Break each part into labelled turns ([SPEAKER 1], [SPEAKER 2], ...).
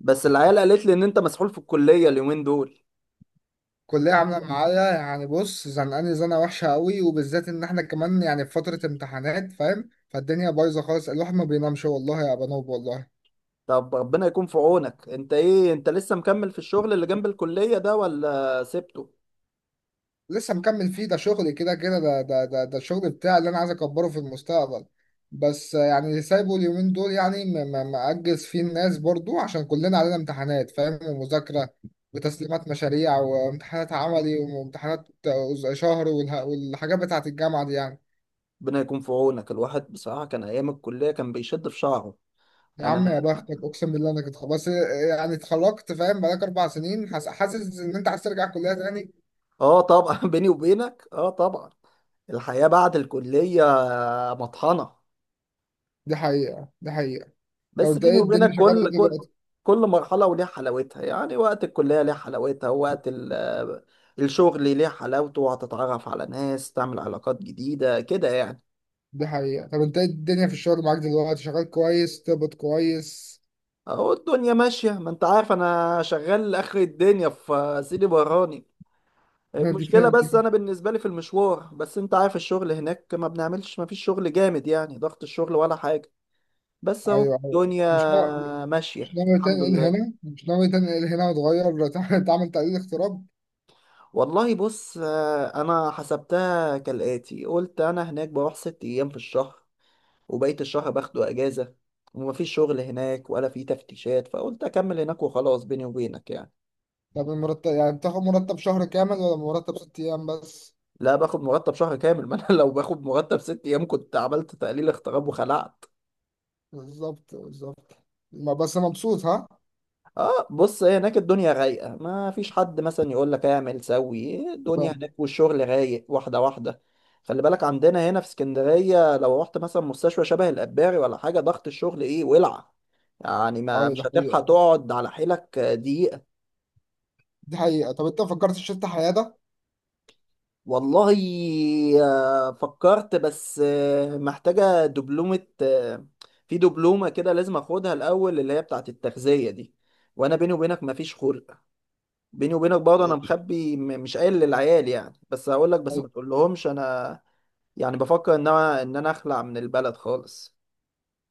[SPEAKER 1] بس العيال قالت لي ان انت مسحول في الكلية اليومين دول.
[SPEAKER 2] كلية عاملة معايا يعني بص، زنقاني زنقة وحشة قوي، وبالذات إن إحنا كمان يعني في فترة امتحانات فاهم. فالدنيا بايظة خالص، الواحد ما بينامش والله يا بنوب والله.
[SPEAKER 1] طب ربنا يكون في عونك. انت ايه، انت لسه مكمل في الشغل اللي جنب الكلية ده ولا سبته؟
[SPEAKER 2] لسه مكمل فيه، ده شغل كده كده، ده الشغل بتاعي اللي أنا عايز أكبره في المستقبل. بس يعني سايبه اليومين دول يعني مأجز فيه الناس برضو عشان كلنا علينا امتحانات فاهم، ومذاكرة وتسليمات مشاريع وامتحانات عملي وامتحانات شهر والحاجات بتاعة الجامعة دي يعني.
[SPEAKER 1] ربنا يكون في عونك. الواحد بصراحة كان ايام الكلية كان بيشد في شعره.
[SPEAKER 2] يا
[SPEAKER 1] انا
[SPEAKER 2] عم يا بختك، اقسم بالله انا كنت خلاص يعني اتخرجت فاهم، بقالك 4 سنين حاسس ان انت عايز ترجع كليه تاني.
[SPEAKER 1] اه طبعا بيني وبينك اه طبعا. الحياة بعد الكلية مطحنة.
[SPEAKER 2] دي حقيقه دي حقيقه. طب
[SPEAKER 1] بس
[SPEAKER 2] انت
[SPEAKER 1] بيني
[SPEAKER 2] ايه الدنيا
[SPEAKER 1] وبينك،
[SPEAKER 2] شغال ايه
[SPEAKER 1] كل كل
[SPEAKER 2] دلوقتي؟
[SPEAKER 1] كل مرحلة وليها حلاوتها، يعني وقت الكلية ليه حلاوتها ووقت الشغل ليه حلاوته، وهتتعرف على ناس تعمل علاقات جديدة كده يعني.
[SPEAKER 2] دي حقيقه. طب انت ايه الدنيا في الشغل معاك دلوقتي، شغال كويس، تقبض كويس؟
[SPEAKER 1] اهو الدنيا ماشية، ما انت عارف انا شغال اخر الدنيا في سيدي براني.
[SPEAKER 2] نو، دي فين
[SPEAKER 1] المشكلة
[SPEAKER 2] دي؟
[SPEAKER 1] بس انا بالنسبة لي في المشوار، بس انت عارف الشغل هناك ما بنعملش، ما فيش شغل جامد يعني، ضغط الشغل ولا حاجة. بس اهو
[SPEAKER 2] ايوه ايوه.
[SPEAKER 1] الدنيا
[SPEAKER 2] مش نا...
[SPEAKER 1] ماشية الحمد لله.
[SPEAKER 2] مش ناوي تنقل هنا وتغير، تعمل تقليل اغتراب؟
[SPEAKER 1] والله بص، انا حسبتها كالآتي. قلت انا هناك بروح 6 ايام في الشهر، وبقية الشهر باخده اجازة، ومفيش شغل هناك ولا في تفتيشات، فقلت اكمل هناك وخلاص بيني وبينك يعني.
[SPEAKER 2] طب المرتب يعني بتاخد مرتب شهر كامل ولا مرتب 6 ايام بس؟
[SPEAKER 1] لا باخد مرتب شهر كامل، ما انا لو باخد مرتب 6 ايام كنت عملت تقليل اغتراب وخلعت.
[SPEAKER 2] بالظبط بالظبط. بس مبسوط ها؟
[SPEAKER 1] اه بص، هي هناك الدنيا رايقه، ما فيش حد مثلا يقول لك اعمل سوي، الدنيا
[SPEAKER 2] فاهم.
[SPEAKER 1] هناك والشغل رايق واحده واحده. خلي بالك عندنا هنا في اسكندريه لو رحت مثلا مستشفى شبه الاباري ولا حاجه، ضغط الشغل ايه، ولع يعني، ما
[SPEAKER 2] ايوه ده
[SPEAKER 1] مش هتلحق
[SPEAKER 2] حقيقة.
[SPEAKER 1] تقعد على حيلك دقيقه.
[SPEAKER 2] دي حقيقة. طب انت فكرت في شفت حياة ده؟
[SPEAKER 1] والله فكرت. بس محتاجة دبلومة في دبلومة كده لازم اخدها الأول، اللي هي بتاعة التغذية دي، وانا بيني وبينك مفيش خلق. بيني وبينك برضه انا مخبي، مش قايل للعيال يعني، بس هقول لك، بس ما تقولهمش. انا يعني بفكر ان انا اخلع من البلد خالص.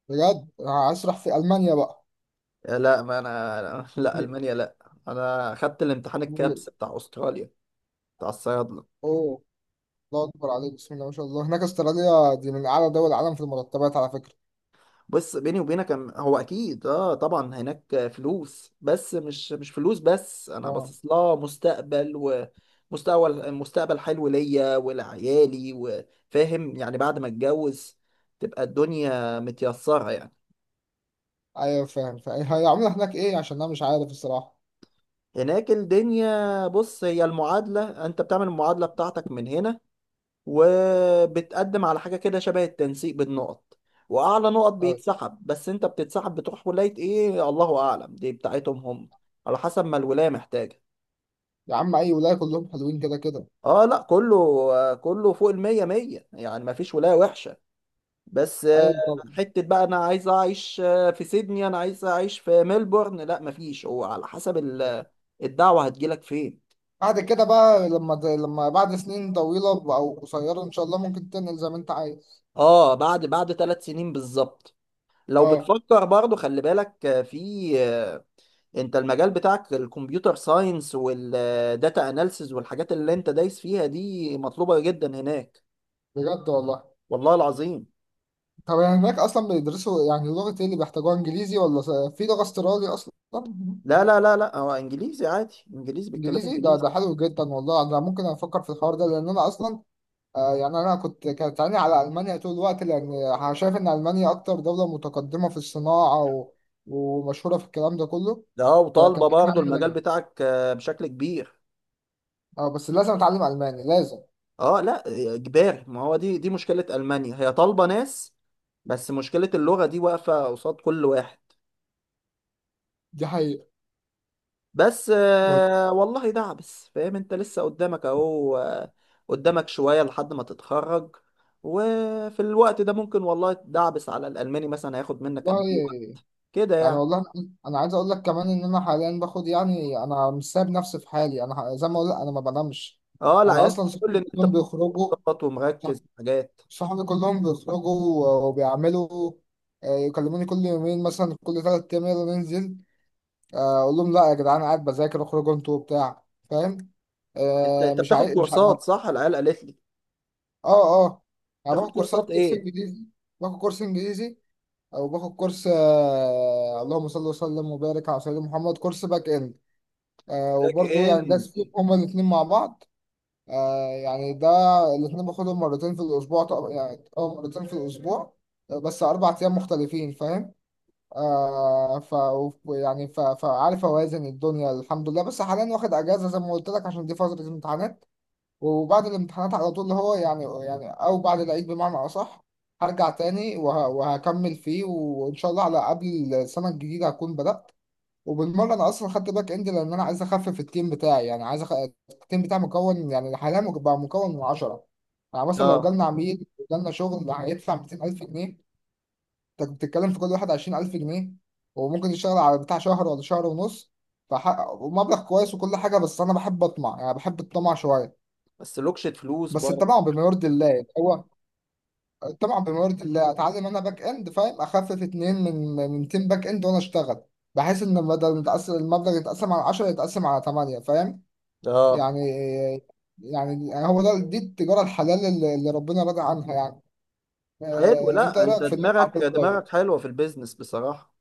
[SPEAKER 2] بجد، هشرح في ألمانيا بقى؟
[SPEAKER 1] لا ما انا لا ألمانيا لا. انا خدت الامتحان الكابس بتاع استراليا، بتاع الصيادلة.
[SPEAKER 2] اوه، الله أكبر عليك، بسم الله ما شاء الله. هناك استراليا دي من أعلى دول العالم في المرتبات على فكرة.
[SPEAKER 1] بص بيني وبينك، هو اكيد اه طبعا هناك فلوس، بس مش فلوس، بس انا
[SPEAKER 2] اه،
[SPEAKER 1] باصص لها مستقبل. ومستقبل، مستقبل حلو ليا ولعيالي، وفاهم يعني، بعد ما اتجوز تبقى الدنيا متيسرة يعني.
[SPEAKER 2] ايوه فاهم. فهي عاملة هناك ايه؟ عشان انا مش عارف الصراحة.
[SPEAKER 1] هناك الدنيا بص، هي المعادلة انت بتعمل المعادلة بتاعتك من هنا، وبتقدم على حاجة كده شبه التنسيق بالنقط، وأعلى نقط
[SPEAKER 2] أيوة.
[SPEAKER 1] بيتسحب. بس أنت بتتسحب بتروح ولاية إيه، الله أعلم، دي بتاعتهم هم، على حسب ما الولاية محتاجة.
[SPEAKER 2] يا عم، اي ولاية كلهم حلوين كده كده.
[SPEAKER 1] اه لا، كله كله فوق المية مية، يعني مفيش ولاية وحشة. بس
[SPEAKER 2] ايوه طبعا.
[SPEAKER 1] حتة بقى أنا عايز أعيش في سيدني، أنا عايز أعيش في ملبورن، لا مفيش، هو على حسب الدعوة هتجيلك فين.
[SPEAKER 2] بعد كده بقى، لما بعد سنين طويلة او قصيرة ان شاء الله ممكن تنقل زي ما انت عايز.
[SPEAKER 1] اه بعد 3 سنين بالظبط. لو
[SPEAKER 2] اه،
[SPEAKER 1] بتفكر برضو خلي بالك في، انت المجال بتاعك الكمبيوتر ساينس والداتا اناليسز والحاجات اللي انت دايس فيها دي مطلوبة جدا هناك،
[SPEAKER 2] بجد والله؟
[SPEAKER 1] والله العظيم.
[SPEAKER 2] طب يعني هناك اصلا بيدرسوا يعني لغة ايه اللي بيحتاجوها، انجليزي ولا في لغة استرالي اصلا؟
[SPEAKER 1] لا لا لا لا، هو انجليزي عادي، انجليزي، بيتكلموا
[SPEAKER 2] انجليزي؟ ده
[SPEAKER 1] انجليزي.
[SPEAKER 2] حلو جدا والله. انا ممكن افكر في الحوار ده، لان انا اصلا، يعني انا كانت عيني على المانيا طول الوقت، لان شايف ان المانيا اكتر دولة متقدمة في الصناعة ومشهورة في الكلام ده كله،
[SPEAKER 1] ده
[SPEAKER 2] فكان
[SPEAKER 1] وطالبة
[SPEAKER 2] عيني
[SPEAKER 1] برضه
[SPEAKER 2] عليها
[SPEAKER 1] المجال
[SPEAKER 2] دايما.
[SPEAKER 1] بتاعك بشكل كبير.
[SPEAKER 2] اه بس لازم اتعلم الماني لازم.
[SPEAKER 1] اه لا، اجباري، ما هو دي مشكلة المانيا، هي طالبة ناس، بس مشكلة اللغة دي واقفة قصاد كل واحد.
[SPEAKER 2] دي حقيقة
[SPEAKER 1] بس والله دعبس فاهم، انت لسه قدامك اهو قدامك شوية لحد ما تتخرج، وفي الوقت ده ممكن والله تدعبس على الألماني مثلا، هياخد منك قد
[SPEAKER 2] والله.
[SPEAKER 1] ايه وقت كده
[SPEAKER 2] يعني
[SPEAKER 1] يعني.
[SPEAKER 2] والله، انا عايز اقول لك كمان ان انا حاليا باخد، يعني انا مش سايب نفسي في حالي، انا زي ما اقول لك انا ما بنامش.
[SPEAKER 1] اه
[SPEAKER 2] انا
[SPEAKER 1] العيال
[SPEAKER 2] اصلا
[SPEAKER 1] بتقول
[SPEAKER 2] صحابي
[SPEAKER 1] لي ان انت
[SPEAKER 2] كلهم
[SPEAKER 1] بتاخد
[SPEAKER 2] بيخرجوا.
[SPEAKER 1] كورسات ومركز
[SPEAKER 2] صح-
[SPEAKER 1] في حاجات.
[SPEAKER 2] صحابي كلهم بيخرجوا وبيعملوا، يكلموني كل يومين مثلا كل 3 ايام يلا ننزل، اقول لهم لا يا جدعان، قاعد بذاكر، اخرجوا انتوا وبتاع، فاهم.
[SPEAKER 1] انت انت
[SPEAKER 2] مش
[SPEAKER 1] بتاخد
[SPEAKER 2] عايز مش ع- ما-
[SPEAKER 1] كورسات صح، العيال قالت لي.
[SPEAKER 2] اه اه. انا
[SPEAKER 1] بتاخد
[SPEAKER 2] باخد كورسات،
[SPEAKER 1] كورسات
[SPEAKER 2] كورس
[SPEAKER 1] ايه؟
[SPEAKER 2] انجليزي. باخد كورس انجليزي، او باخد كورس، اللهم صل وسلم وبارك على سيدنا محمد، كورس باك اند. آه،
[SPEAKER 1] باك
[SPEAKER 2] وبرضو يعني
[SPEAKER 1] اند.
[SPEAKER 2] داس فيهم هما الاتنين مع بعض. آه يعني ده، الاتنين باخدهم مرتين في الأسبوع طبعا، يعني أو مرتين في الأسبوع، بس 4 أيام مختلفين فاهم. آه ف يعني فعارف أوازن الدنيا الحمد لله. بس حاليا واخد أجازة زي ما قلت لك، عشان دي فترة امتحانات. وبعد الامتحانات على طول اللي هو يعني، أو بعد العيد بمعنى أصح، هرجع تاني وهكمل فيه، وإن شاء الله على قبل السنة الجديدة هكون بدأت. وبالمره انا اصلا خدت باك اند، لان انا عايز اخفف التيم بتاعي، يعني عايز التيم بتاعي مكون يعني حاليا، بقى مكون من 10. يعني مثلا لو
[SPEAKER 1] اه
[SPEAKER 2] جالنا عميل وجالنا شغل هيدفع 200000 جنيه، انت بتتكلم في كل واحد 20000 جنيه، وممكن يشتغل على بتاع شهر ولا شهر ونص. ومبلغ كويس وكل حاجه، بس انا بحب اطمع، يعني بحب الطمع شويه،
[SPEAKER 1] بس لوكشة فلوس
[SPEAKER 2] بس
[SPEAKER 1] برضه.
[SPEAKER 2] الطمع بما يرضي الله. هو طبعا بمرض الله، اتعلم انا باك اند فاهم، اخفف اتنين من تيم باك اند وانا اشتغل، بحيث ان بدل متقسم المبلغ يتقسم على 10 يتقسم على 8، فاهم.
[SPEAKER 1] اه
[SPEAKER 2] يعني، هو ده، دي التجاره الحلال اللي ربنا راضي عنها يعني.
[SPEAKER 1] حلو،
[SPEAKER 2] انت
[SPEAKER 1] لا
[SPEAKER 2] إيه
[SPEAKER 1] انت
[SPEAKER 2] رايك في اللي أنا عبد
[SPEAKER 1] دماغك
[SPEAKER 2] القادر؟
[SPEAKER 1] دماغك حلوة في البيزنس بصراحة.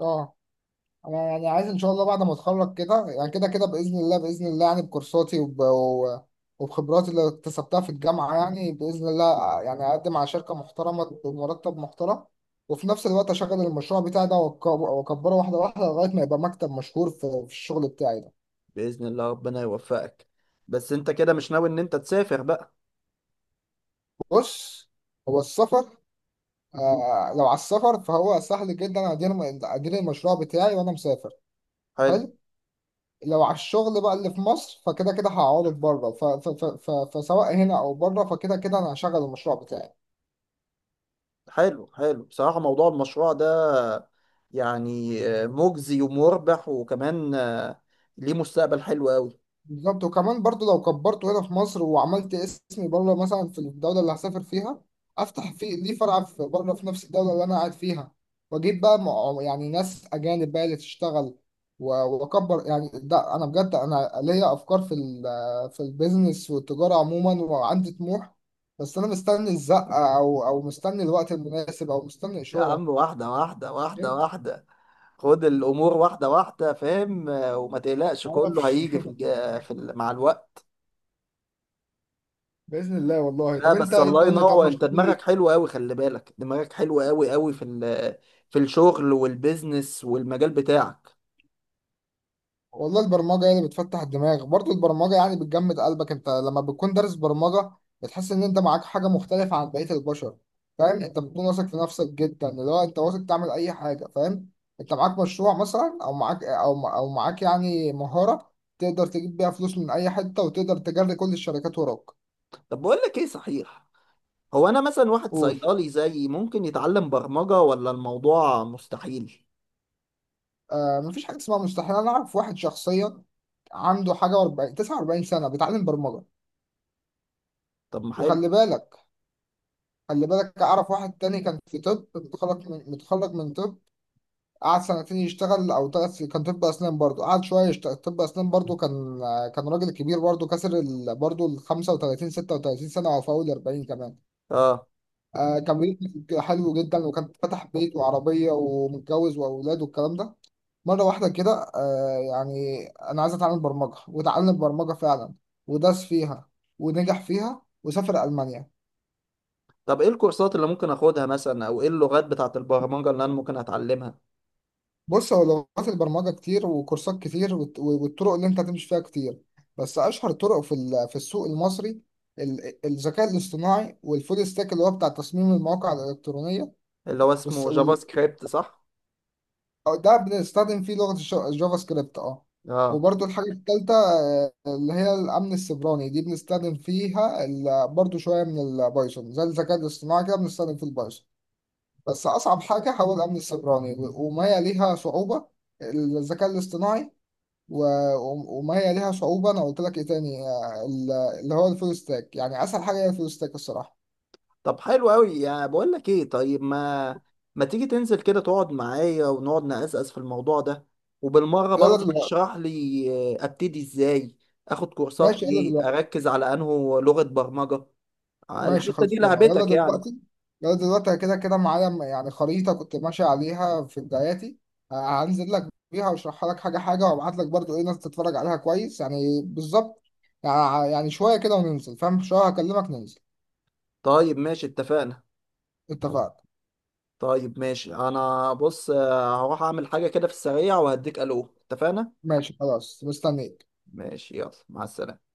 [SPEAKER 2] اه. انا يعني عايز ان شاء الله بعد ما اتخرج كده، يعني كده كده باذن الله باذن الله، يعني بكورساتي وبخبراتي اللي اكتسبتها في الجامعه يعني، باذن الله يعني اقدم على شركه محترمه بمرتب محترم. وفي نفس الوقت اشغل المشروع بتاعي ده، واكبره واحده واحده لغايه ما يبقى مكتب مشهور في الشغل بتاعي ده.
[SPEAKER 1] بإذن الله ربنا يوفقك. بس انت كده مش ناوي ان انت تسافر بقى؟
[SPEAKER 2] بص، هو السفر آه، لو على السفر فهو سهل جدا. ادير المشروع بتاعي وانا مسافر.
[SPEAKER 1] حلو،
[SPEAKER 2] حلو؟ لو على الشغل بقى اللي في مصر، فكده كده هعوض بره، فسواء هنا او بره فكده كده انا هشغل المشروع بتاعي.
[SPEAKER 1] حلو، حلو بصراحة. موضوع المشروع ده يعني مجزي ومربح، وكمان ليه مستقبل حلو قوي.
[SPEAKER 2] بالظبط. وكمان برضو لو كبرته هنا في مصر وعملت اسمي بره، مثلا في الدولة اللي هسافر فيها افتح في ليه فرع في بره، في نفس الدولة اللي انا قاعد فيها، واجيب بقى يعني ناس اجانب بقى اللي تشتغل و- واكبر. يعني ده انا بجد، انا ليا افكار في البيزنس والتجارة عموما، وعندي طموح. بس انا مستني الزقة، او مستني الوقت المناسب، او مستني
[SPEAKER 1] يا
[SPEAKER 2] اشارة.
[SPEAKER 1] عم واحدة واحدة، واحدة
[SPEAKER 2] إيه؟
[SPEAKER 1] واحدة، خد الأمور واحدة واحدة فاهم، وما تقلقش، كله
[SPEAKER 2] معرفش
[SPEAKER 1] هيجي في الج... في ال... مع الوقت.
[SPEAKER 2] بإذن الله والله.
[SPEAKER 1] لا
[SPEAKER 2] طب انت
[SPEAKER 1] بس،
[SPEAKER 2] ايه
[SPEAKER 1] الله
[SPEAKER 2] الدنيا، طب
[SPEAKER 1] ينور، انت
[SPEAKER 2] مش ناوي؟
[SPEAKER 1] دماغك حلوة قوي، خلي بالك دماغك حلوة قوي قوي في الشغل والبيزنس والمجال بتاعك.
[SPEAKER 2] والله البرمجة هي اللي بتفتح الدماغ برضه، البرمجة يعني بتجمد قلبك. انت لما بتكون دارس برمجة بتحس ان انت معاك حاجة مختلفة عن بقية البشر، فاهم. انت بتكون واثق في نفسك جدا، اللي هو انت واثق تعمل اي حاجة فاهم. انت معاك مشروع مثلا، او معاك، او معاك يعني مهارة تقدر تجيب بيها فلوس من اي حتة، وتقدر تجري كل الشركات وراك.
[SPEAKER 1] طب بقول لك ايه، صحيح، هو انا مثلا واحد
[SPEAKER 2] قول.
[SPEAKER 1] صيدلي زيي ممكن يتعلم برمجة، ولا الموضوع مستحيل؟
[SPEAKER 2] آه، مفيش حاجة اسمها مستحيل. انا اعرف واحد شخصيا عنده حاجة 40 49 سنة بيتعلم برمجة.
[SPEAKER 1] طب ما حلو.
[SPEAKER 2] وخلي بالك، خلي بالك أعرف واحد تاني كان في طب، متخرج متخرج من طب. قعد سنتين يشتغل أو 3 سنين، كان طب أسنان برضو. قعد شوية يشتغل طب أسنان برضو، كان راجل كبير برضو، كسر برضو ال 35 36 سنة أو فوق ال 40 كمان.
[SPEAKER 1] اه
[SPEAKER 2] آه كان بيت حلو جدا، وكان فتح بيت وعربية ومتجوز وأولاد والكلام ده. مرة واحدة كده آه، يعني أنا عايز أتعلم برمجة، وتعلم برمجة فعلا، ودرس فيها ونجح فيها، وسافر ألمانيا.
[SPEAKER 1] طب ايه الكورسات اللي ممكن اخدها مثلا، او ايه اللغات بتاعت البرمجة اللي انا ممكن اتعلمها؟
[SPEAKER 2] بص، هو لغات البرمجة كتير وكورسات كتير، والطرق اللي انت هتمشي فيها كتير. بس أشهر طرق في السوق المصري، الذكاء الاصطناعي، والفول ستاك اللي هو بتاع تصميم المواقع الإلكترونية،
[SPEAKER 1] اللي هو
[SPEAKER 2] والس-
[SPEAKER 1] اسمه جافا
[SPEAKER 2] وال-
[SPEAKER 1] سكريبت صح؟
[SPEAKER 2] أو ده بنستخدم فيه لغة الجافا سكريبت اه.
[SPEAKER 1] اه
[SPEAKER 2] وبرده الحاجة التالتة، اللي هي الأمن السيبراني، دي بنستخدم فيها برضو شوية من البايثون، زي الذكاء الاصطناعي كده بنستخدم فيه البايثون. بس أصعب حاجة هو الأمن السيبراني، وما هي ليها صعوبة الذكاء الاصطناعي وما هي ليها صعوبة. أنا قلت لك إيه تاني؟ اللي هو الفول ستاك. يعني أسهل حاجة هي الفول ستاك الصراحة.
[SPEAKER 1] طب حلو قوي يعني. بقول لك ايه، طيب ما تيجي تنزل كده تقعد معايا، ونقعد نقزقز في الموضوع ده، وبالمرة
[SPEAKER 2] يلا
[SPEAKER 1] برضه
[SPEAKER 2] دلوقتي.
[SPEAKER 1] تشرح لي ابتدي ازاي، اخد كورسات
[SPEAKER 2] ماشي يلا
[SPEAKER 1] ايه،
[SPEAKER 2] دلوقتي.
[SPEAKER 1] اركز على انه لغة برمجة.
[SPEAKER 2] ماشي
[SPEAKER 1] الحتة دي
[SPEAKER 2] خلصنا يلا
[SPEAKER 1] لعبتك يعني.
[SPEAKER 2] دلوقتي. يلا دلوقتي أنا كده كده معايا يعني خريطة كنت ماشي عليها في بداياتي، هنزل لك بيها وأشرحها لك حاجة حاجة، وأبعت لك برضو إيه ناس تتفرج عليها كويس، يعني بالظبط. يعني، شوية كده وننزل فاهم، شوية هكلمك ننزل.
[SPEAKER 1] طيب ماشي، اتفقنا.
[SPEAKER 2] اتفقنا.
[SPEAKER 1] طيب ماشي، انا بص هروح اعمل حاجة كده في السريع وهديك الو، اتفقنا.
[SPEAKER 2] ماشي خلاص مستنيك.
[SPEAKER 1] ماشي يلا، مع السلامة.